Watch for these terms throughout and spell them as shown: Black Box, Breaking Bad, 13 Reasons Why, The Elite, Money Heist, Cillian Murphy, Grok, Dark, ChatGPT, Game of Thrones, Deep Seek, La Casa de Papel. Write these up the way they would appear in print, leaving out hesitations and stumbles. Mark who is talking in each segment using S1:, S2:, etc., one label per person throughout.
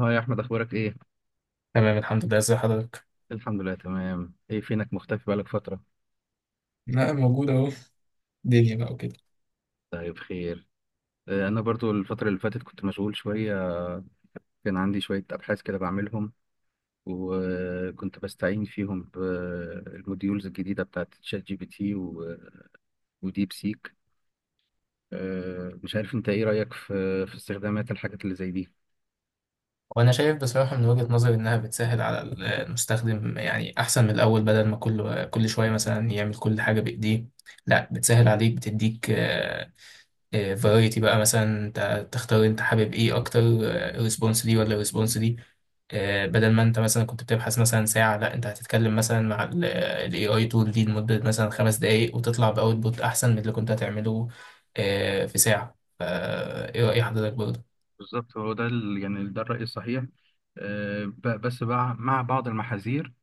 S1: اه يا احمد، اخبارك ايه؟
S2: تمام الحمد لله، ازي حضرتك.
S1: الحمد لله، تمام. ايه فينك مختفي بقالك فتره؟
S2: لا موجود اهو. دنيا بقى وكده.
S1: طيب، خير. انا برضو الفتره اللي فاتت كنت مشغول شويه. كان عندي شويه ابحاث كده بعملهم، وكنت بستعين فيهم بالموديولز الجديده بتاعت شات جي بي تي وديب سيك. مش عارف انت ايه رايك في استخدامات الحاجات اللي زي دي.
S2: وانا شايف بصراحة من وجهة نظري انها بتسهل على المستخدم، يعني احسن من الاول. بدل ما كل شوية مثلا يعمل كل حاجة بايديه، لا بتسهل عليك. بتديك فرايتي بقى مثلا انت تختار انت حابب ايه اكتر، ريسبونس دي ولا ريسبونس دي. بدل ما انت مثلا كنت بتبحث مثلا ساعة، لا انت هتتكلم مثلا مع الاي اي تول دي لمدة مثلا خمس دقايق وتطلع باوتبوت احسن من اللي كنت هتعمله في ساعة. فا ايه رأي
S1: بالظبط،
S2: حضرتك برضه؟
S1: بالظبط، هو ده يعني ده الرأي الصحيح. بس بقى مع بعض المحاذير،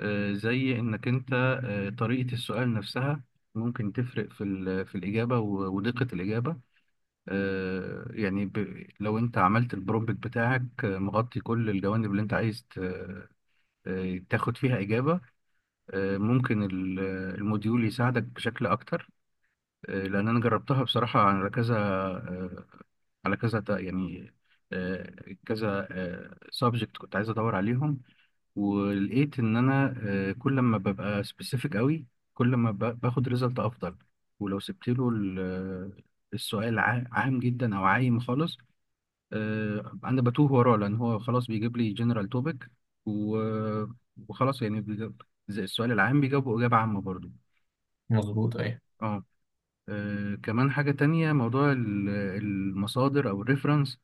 S1: زي انك انت، طريقة السؤال نفسها ممكن تفرق في في الإجابة ودقة الإجابة. يعني لو انت عملت البرومبت بتاعك مغطي كل الجوانب اللي انت عايز تاخد فيها إجابة، ممكن الموديول يساعدك بشكل أكتر. لأن أنا جربتها بصراحة على كذا، على يعني كذا سبجكت كنت عايز ادور عليهم، ولقيت ان انا كل ما ببقى سبيسيفيك قوي، كل ما باخد ريزلت افضل. ولو سبت له السؤال عام جدا او عايم خالص، انا بتوه وراه لان هو خلاص بيجيب لي جنرال توبيك، وخلاص يعني زي السؤال العام بيجاوبه اجابه عامه برضو.
S2: مظبوط ايه.
S1: اه. كمان حاجه تانية، موضوع المصادر او الريفرنس.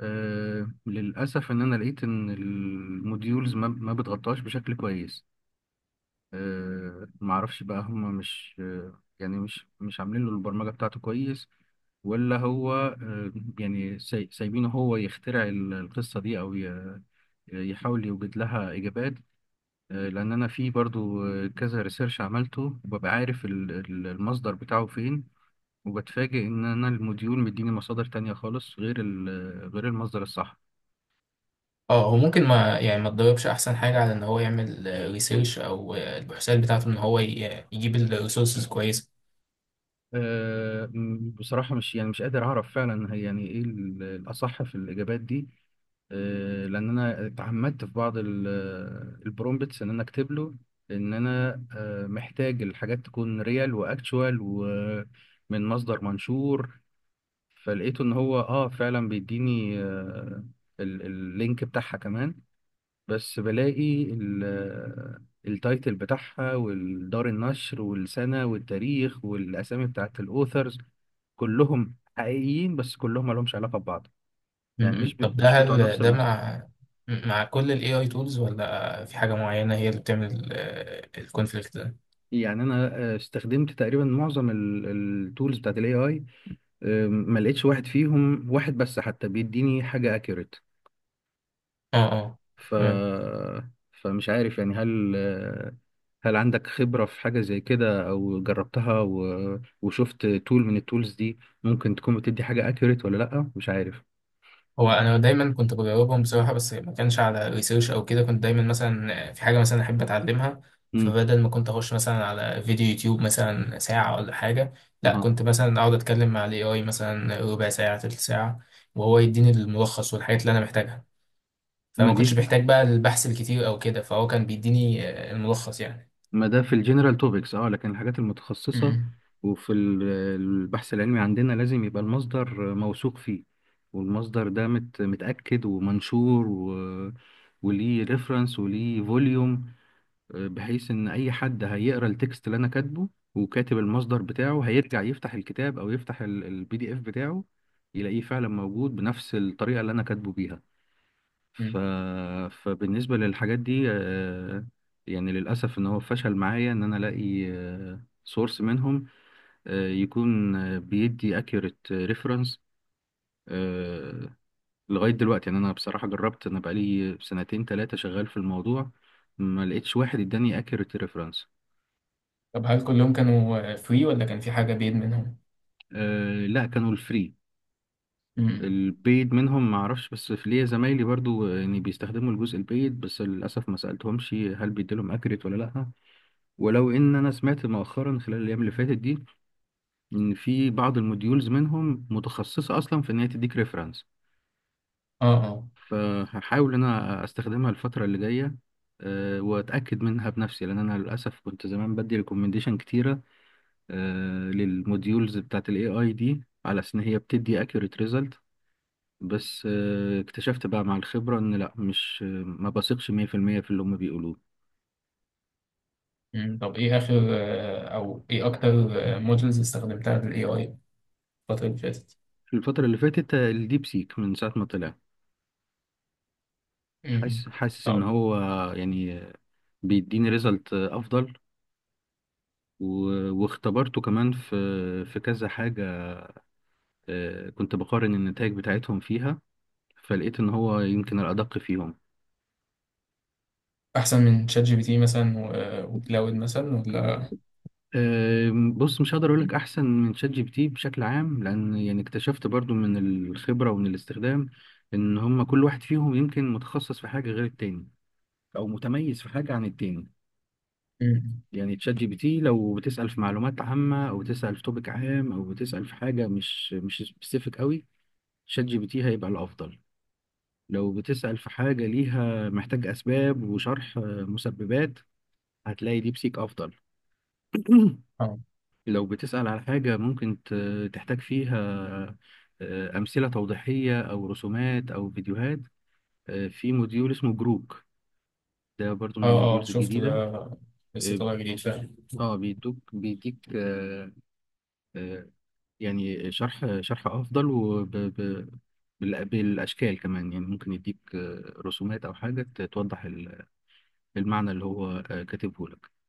S1: للاسف ان انا لقيت ان الموديولز ما بتغطاش بشكل كويس. معرفش بقى هم مش، يعني مش عاملين له البرمجة بتاعته كويس، ولا هو يعني سايبينه هو يخترع القصة دي، أو يحاول يوجد لها إجابات. لأن أنا في برضو كذا ريسيرش عملته، وببقى عارف المصدر بتاعه فين، وبتفاجئ إن أنا الموديول مديني مصادر تانية خالص غير غير المصدر الصح.
S2: اه، هو ممكن ما يعني ما تدربش احسن حاجة على ان هو يعمل ريسيرش او البحوثات بتاعته ان هو يجيب الريسورسز كويسة.
S1: بصراحة مش يعني مش قادر أعرف فعلا هي يعني إيه الأصح في الإجابات دي. لان انا تعمدت في بعض البرومبتس ان انا اكتب له ان انا محتاج الحاجات تكون ريال واكتشوال ومن مصدر منشور. فلقيته ان هو اه فعلا بيديني اللينك بتاعها كمان. بس بلاقي التايتل بتاعها والدار النشر والسنة والتاريخ والاسامي بتاعت الاوثرز كلهم حقيقيين، بس كلهم مالهمش علاقة ببعض. يعني
S2: مم. طب ده،
S1: مش بتوع
S2: هل
S1: نفس
S2: ده
S1: المصدر.
S2: مع مع كل ال AI tools ولا في حاجة معينة هي اللي بتعمل الكونفليكت ده؟
S1: يعني انا استخدمت تقريبا معظم التولز بتاعت الاي اي، ما لقيتش واحد فيهم، واحد بس حتى، بيديني حاجه اكيوريت.
S2: اه اه.
S1: ف
S2: تمام.
S1: فمش عارف يعني، هل هل عندك خبره في حاجه زي كده او جربتها، وشفت تول من التولز دي ممكن تكون بتدي حاجه اكيوريت ولا لا؟ مش عارف.
S2: هو أنا دايما كنت بجاوبهم بصراحة، بس ما كانش على ريسيرش أو كده. كنت دايما مثلا في حاجة مثلا أحب أتعلمها،
S1: امم.
S2: فبدل ما كنت أخش مثلا على فيديو يوتيوب مثلا ساعة ولا حاجة، لا
S1: اها.
S2: كنت مثلا أقعد أتكلم مع ال AI مثلا ربع ساعة تلت ساعة وهو يديني الملخص والحاجات اللي أنا محتاجها.
S1: ما
S2: فما كنتش
S1: دي
S2: بحتاج بقى البحث الكتير أو كده، فهو كان بيديني الملخص يعني.
S1: ما ده في الجنرال توبكس، اه، لكن الحاجات المتخصصة
S2: امم.
S1: وفي البحث العلمي عندنا لازم يبقى المصدر موثوق فيه، والمصدر ده متأكد ومنشور، وليه ريفرنس وليه فوليوم، بحيث ان اي حد هيقرا التكست اللي انا كاتبه وكاتب المصدر بتاعه، هيرجع يفتح الكتاب او يفتح البي دي اف بتاعه، يلاقيه فعلا موجود بنفس الطريقة اللي انا كاتبه بيها. ف...
S2: امم،
S1: فبالنسبة للحاجات دي يعني للأسف إن هو فشل معايا إن أنا ألاقي سورس منهم يكون بيدي accurate reference. آه، لغاية دلوقتي يعني أنا بصراحة جربت، أنا بقالي سنتين تلاتة شغال في الموضوع، ما لقيتش واحد إداني accurate reference.
S2: طب هل كلهم كانوا فري ولا كان في حاجة بيد منهم؟
S1: لا، كانوا الفري.
S2: امم.
S1: البيد منهم ما اعرفش، بس في ليا زمايلي برضو يعني بيستخدموا الجزء البيد، بس للاسف ما سالتهمش هل بيديلهم اكريت ولا لا. ولو ان انا سمعت مؤخرا خلال الايام اللي فاتت دي ان في بعض الموديولز منهم متخصصه اصلا في ان هي تديك ريفرنس،
S2: اه اه.
S1: فهحاول ان انا استخدمها الفتره اللي جايه، واتاكد منها بنفسي، لان انا للاسف كنت زمان بدي ريكومنديشن كتيره للموديولز بتاعت الاي اي دي على اساس ان هي بتدي اكيوريت ريزلت. بس اكتشفت بقى مع الخبره ان لا، مش، ما بثقش 100% في المية في اللي هم بيقولوه.
S2: امم، طب ايه اخر او ايه اكتر مودلز استخدمتها بالاي اي الفترة اللي فاتت؟
S1: في الفتره اللي فاتت الديب سيك من ساعه ما طلع
S2: امم.
S1: حاسس ان
S2: طب
S1: هو يعني بيديني ريزلت افضل. واختبرته كمان في في كذا حاجه، كنت بقارن النتائج بتاعتهم فيها، فلقيت ان هو يمكن الادق فيهم.
S2: احسن من شات جي بي تي مثلا وكلاود مثلا ولا؟
S1: بص، مش هقدر اقول لك احسن من شات جي بي تي بشكل عام، لان يعني اكتشفت برضو من الخبره ومن الاستخدام ان هم كل واحد فيهم يمكن متخصص في حاجه غير التاني، او متميز في حاجه عن التاني.
S2: امم.
S1: يعني تشات جي بي تي لو بتسال في معلومات عامه، او بتسال في توبيك عام، او بتسال في حاجه مش سبيسيفيك قوي، شات جي بي تي هيبقى الافضل. لو بتسأل في حاجة ليها، محتاج أسباب وشرح، مسببات، هتلاقي ديب سيك أفضل.
S2: اه
S1: لو بتسأل على حاجة ممكن تحتاج فيها أمثلة توضيحية أو رسومات أو فيديوهات، في موديول اسمه جروك، ده برضو من
S2: اه. اه
S1: الموديولز
S2: شفت
S1: الجديدة.
S2: ده، لسه
S1: اه.
S2: طالع جديد فعلا.
S1: آه، بيدوك بيديك آه، يعني شرح أفضل وبالأشكال كمان، يعني ممكن يديك رسومات أو حاجة توضح المعنى اللي هو كاتبه لك.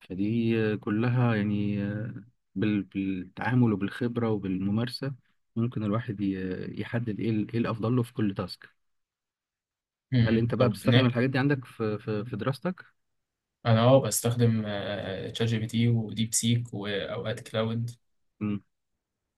S1: فدي كلها يعني بالتعامل وبالخبرة وبالممارسة ممكن الواحد يحدد ايه ايه الافضل له في كل تاسك. هل انت
S2: امم،
S1: بقى
S2: طب
S1: بتستخدم الحاجات دي عندك في دراستك؟
S2: انا اه بستخدم شات جي بي تي وديب سيك واوقات كلاود.
S1: مم.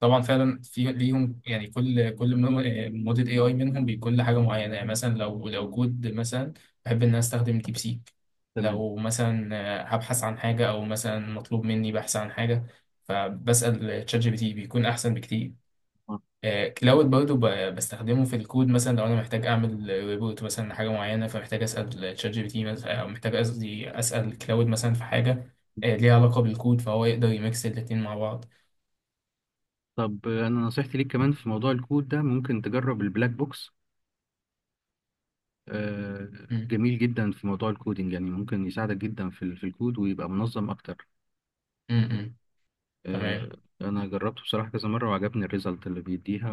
S2: طبعا فعلا في ليهم، يعني كل موديل اي اي منهم بيكون لحاجه معينه. يعني مثلا لو كود مثلا، بحب ان انا استخدم ديب سيك.
S1: تمام.
S2: لو مثلا هبحث عن حاجه او مثلا مطلوب مني بحث عن حاجه، فبسال تشات جي بي تي بيكون احسن بكتير.
S1: آه.
S2: كلاود برضه بستخدمه في الكود. مثلا لو انا محتاج اعمل ريبورت مثلا لحاجه معينه، فمحتاج اسال تشات جي بي تي مثلا، او محتاج قصدي اسال كلاود مثلا في حاجه ليها علاقه بالكود، فهو يقدر يميكس الاتنين مع بعض.
S1: طب انا نصيحتي ليك، كمان في موضوع الكود ده، ممكن تجرب البلاك بوكس، آه،
S2: م-
S1: جميل جدا في موضوع الكودينج، يعني ممكن يساعدك جدا في في الكود، ويبقى منظم اكتر.
S2: م- م. تمام.
S1: انا جربته بصراحة كذا مرة وعجبني الريزلت اللي بيديها،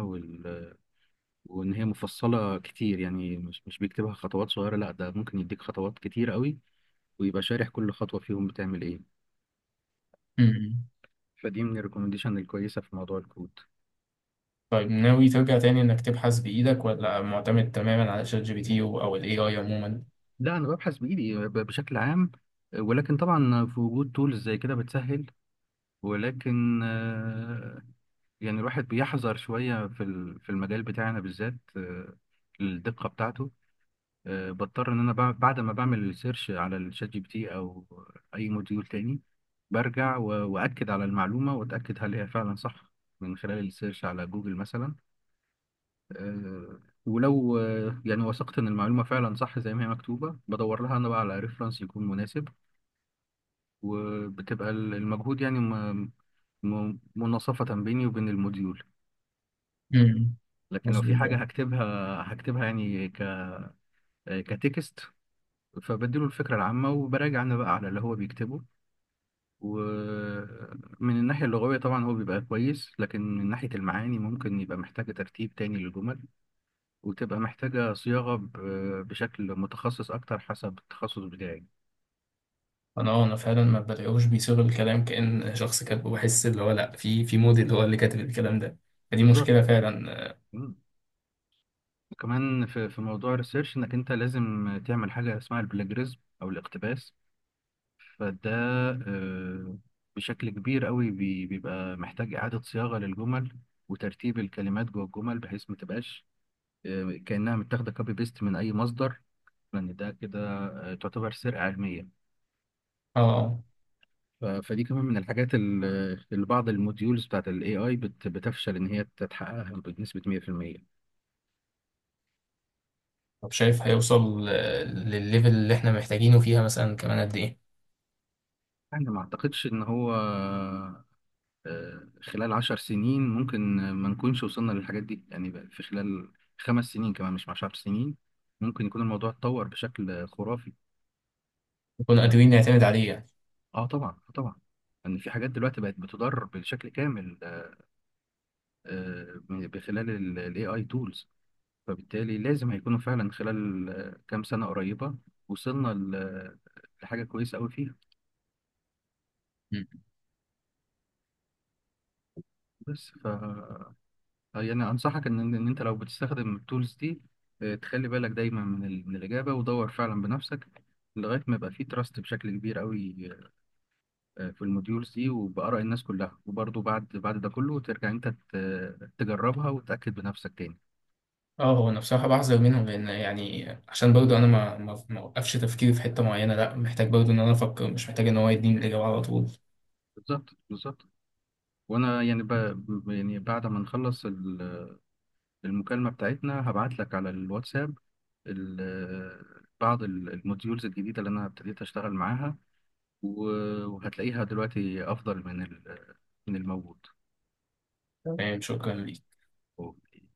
S1: وان هي مفصله كتير، يعني مش بيكتبها خطوات صغيره، لا ده ممكن يديك خطوات كتير قوي ويبقى شارح كل خطوه فيهم بتعمل ايه.
S2: امم،
S1: فدي من الريكومنديشن الكويسه في موضوع الكود.
S2: طيب ناوي ترجع تاني انك تبحث بايدك ولا معتمد تماما على شات جي بي تي او الاي اي عموما؟
S1: لا، انا ببحث بايدي بشكل عام، ولكن طبعا في وجود تولز زي كده بتسهل، ولكن يعني الواحد بيحذر شويه في في المجال بتاعنا بالذات، الدقه بتاعته بضطر ان انا بعد ما بعمل سيرش على الشات جي بي تي او اي موديول تاني، برجع واكد على المعلومه، واتاكد هل هي فعلا صح من خلال السيرش على جوجل مثلا. آه، ولو يعني وثقت ان المعلومه فعلا صح زي ما هي مكتوبه، بدور لها انا بقى على ريفرنس يكون مناسب، وبتبقى المجهود يعني مناصفه بيني وبين الموديول.
S2: امم.
S1: لكن لو في
S2: مظبوط
S1: حاجه
S2: أيوة.
S1: هكتبها، هكتبها يعني كتكست، فبديله الفكره العامه وبراجع انا بقى على اللي هو بيكتبه، ومن الناحية اللغوية طبعا هو بيبقى كويس، لكن من ناحية المعاني ممكن يبقى محتاجة ترتيب تاني للجمل، وتبقى محتاجة صياغة بشكل متخصص أكتر حسب التخصص بتاعي.
S2: انا انا فعلا ما بلاقيهوش بيصيغ الكلام كأن شخص كاتبه. بحس اللي هو لا، في موديل هو اللي كاتب الكلام ده. فدي مشكلة
S1: بالظبط.
S2: فعلا.
S1: مم. كمان في موضوع الريسيرش، إنك أنت لازم تعمل حاجة اسمها البلاجريزم أو الاقتباس، فده آه، بشكل كبير قوي بيبقى محتاج إعادة صياغة للجمل وترتيب الكلمات جوه الجمل بحيث ما تبقاش كأنها متاخدة كوبي بيست من أي مصدر، ان ده كده تعتبر سرقه علميه.
S2: اه. آه.
S1: فدي كمان من الحاجات اللي بعض الموديولز بتاعت الاي اي بتفشل ان هي تتحققها بنسبه 100%.
S2: طب شايف هيوصل للليفل اللي احنا محتاجينه فيها مثلا كمان قد ايه؟
S1: انا ما اعتقدش ان هو آه، خلال 10 سنين ممكن ما نكونش وصلنا للحاجات دي، يعني بقى في خلال 5 سنين، كمان مش 10 سنين، ممكن يكون الموضوع اتطور بشكل خرافي.
S2: نكون
S1: أنا-
S2: قادرين نعتمد عليه يعني.
S1: اه طبعا، طبعا. ان في حاجات دلوقتي بقت بتضرب بشكل كامل، بخلال الاي اي تولز، فبالتالي لازم هيكونوا فعلا خلال كام سنة قريبة وصلنا لحاجة كويسة أوي فيها. بس ف يعني أنصحك إن أنت لو بتستخدم التولز دي، تخلي بالك دايما من من الإجابة، ودور فعلا بنفسك لغاية ما يبقى فيه تراست بشكل كبير أوي في الموديولز دي وبآراء الناس كلها، وبرضه بعد ده كله ترجع أنت تجربها وتتأكد بنفسك تاني.
S2: اه، هو انا بصراحه بحذر منهم، لان يعني عشان برضه انا ما اوقفش تفكيري في حته معينه. لا محتاج برضه ان انا افكر، مش محتاج ان هو يديني الاجابه على طول.
S1: بالظبط، بالظبط. وأنا يعني يعني بعد ما نخلص المكالمة بتاعتنا هبعت لك على الواتساب بعض الموديولز الجديدة اللي أنا ابتديت أشتغل معاها، وهتلاقيها دلوقتي أفضل من من الموجود.
S2: تمام، شكرا ليك.
S1: أوكي.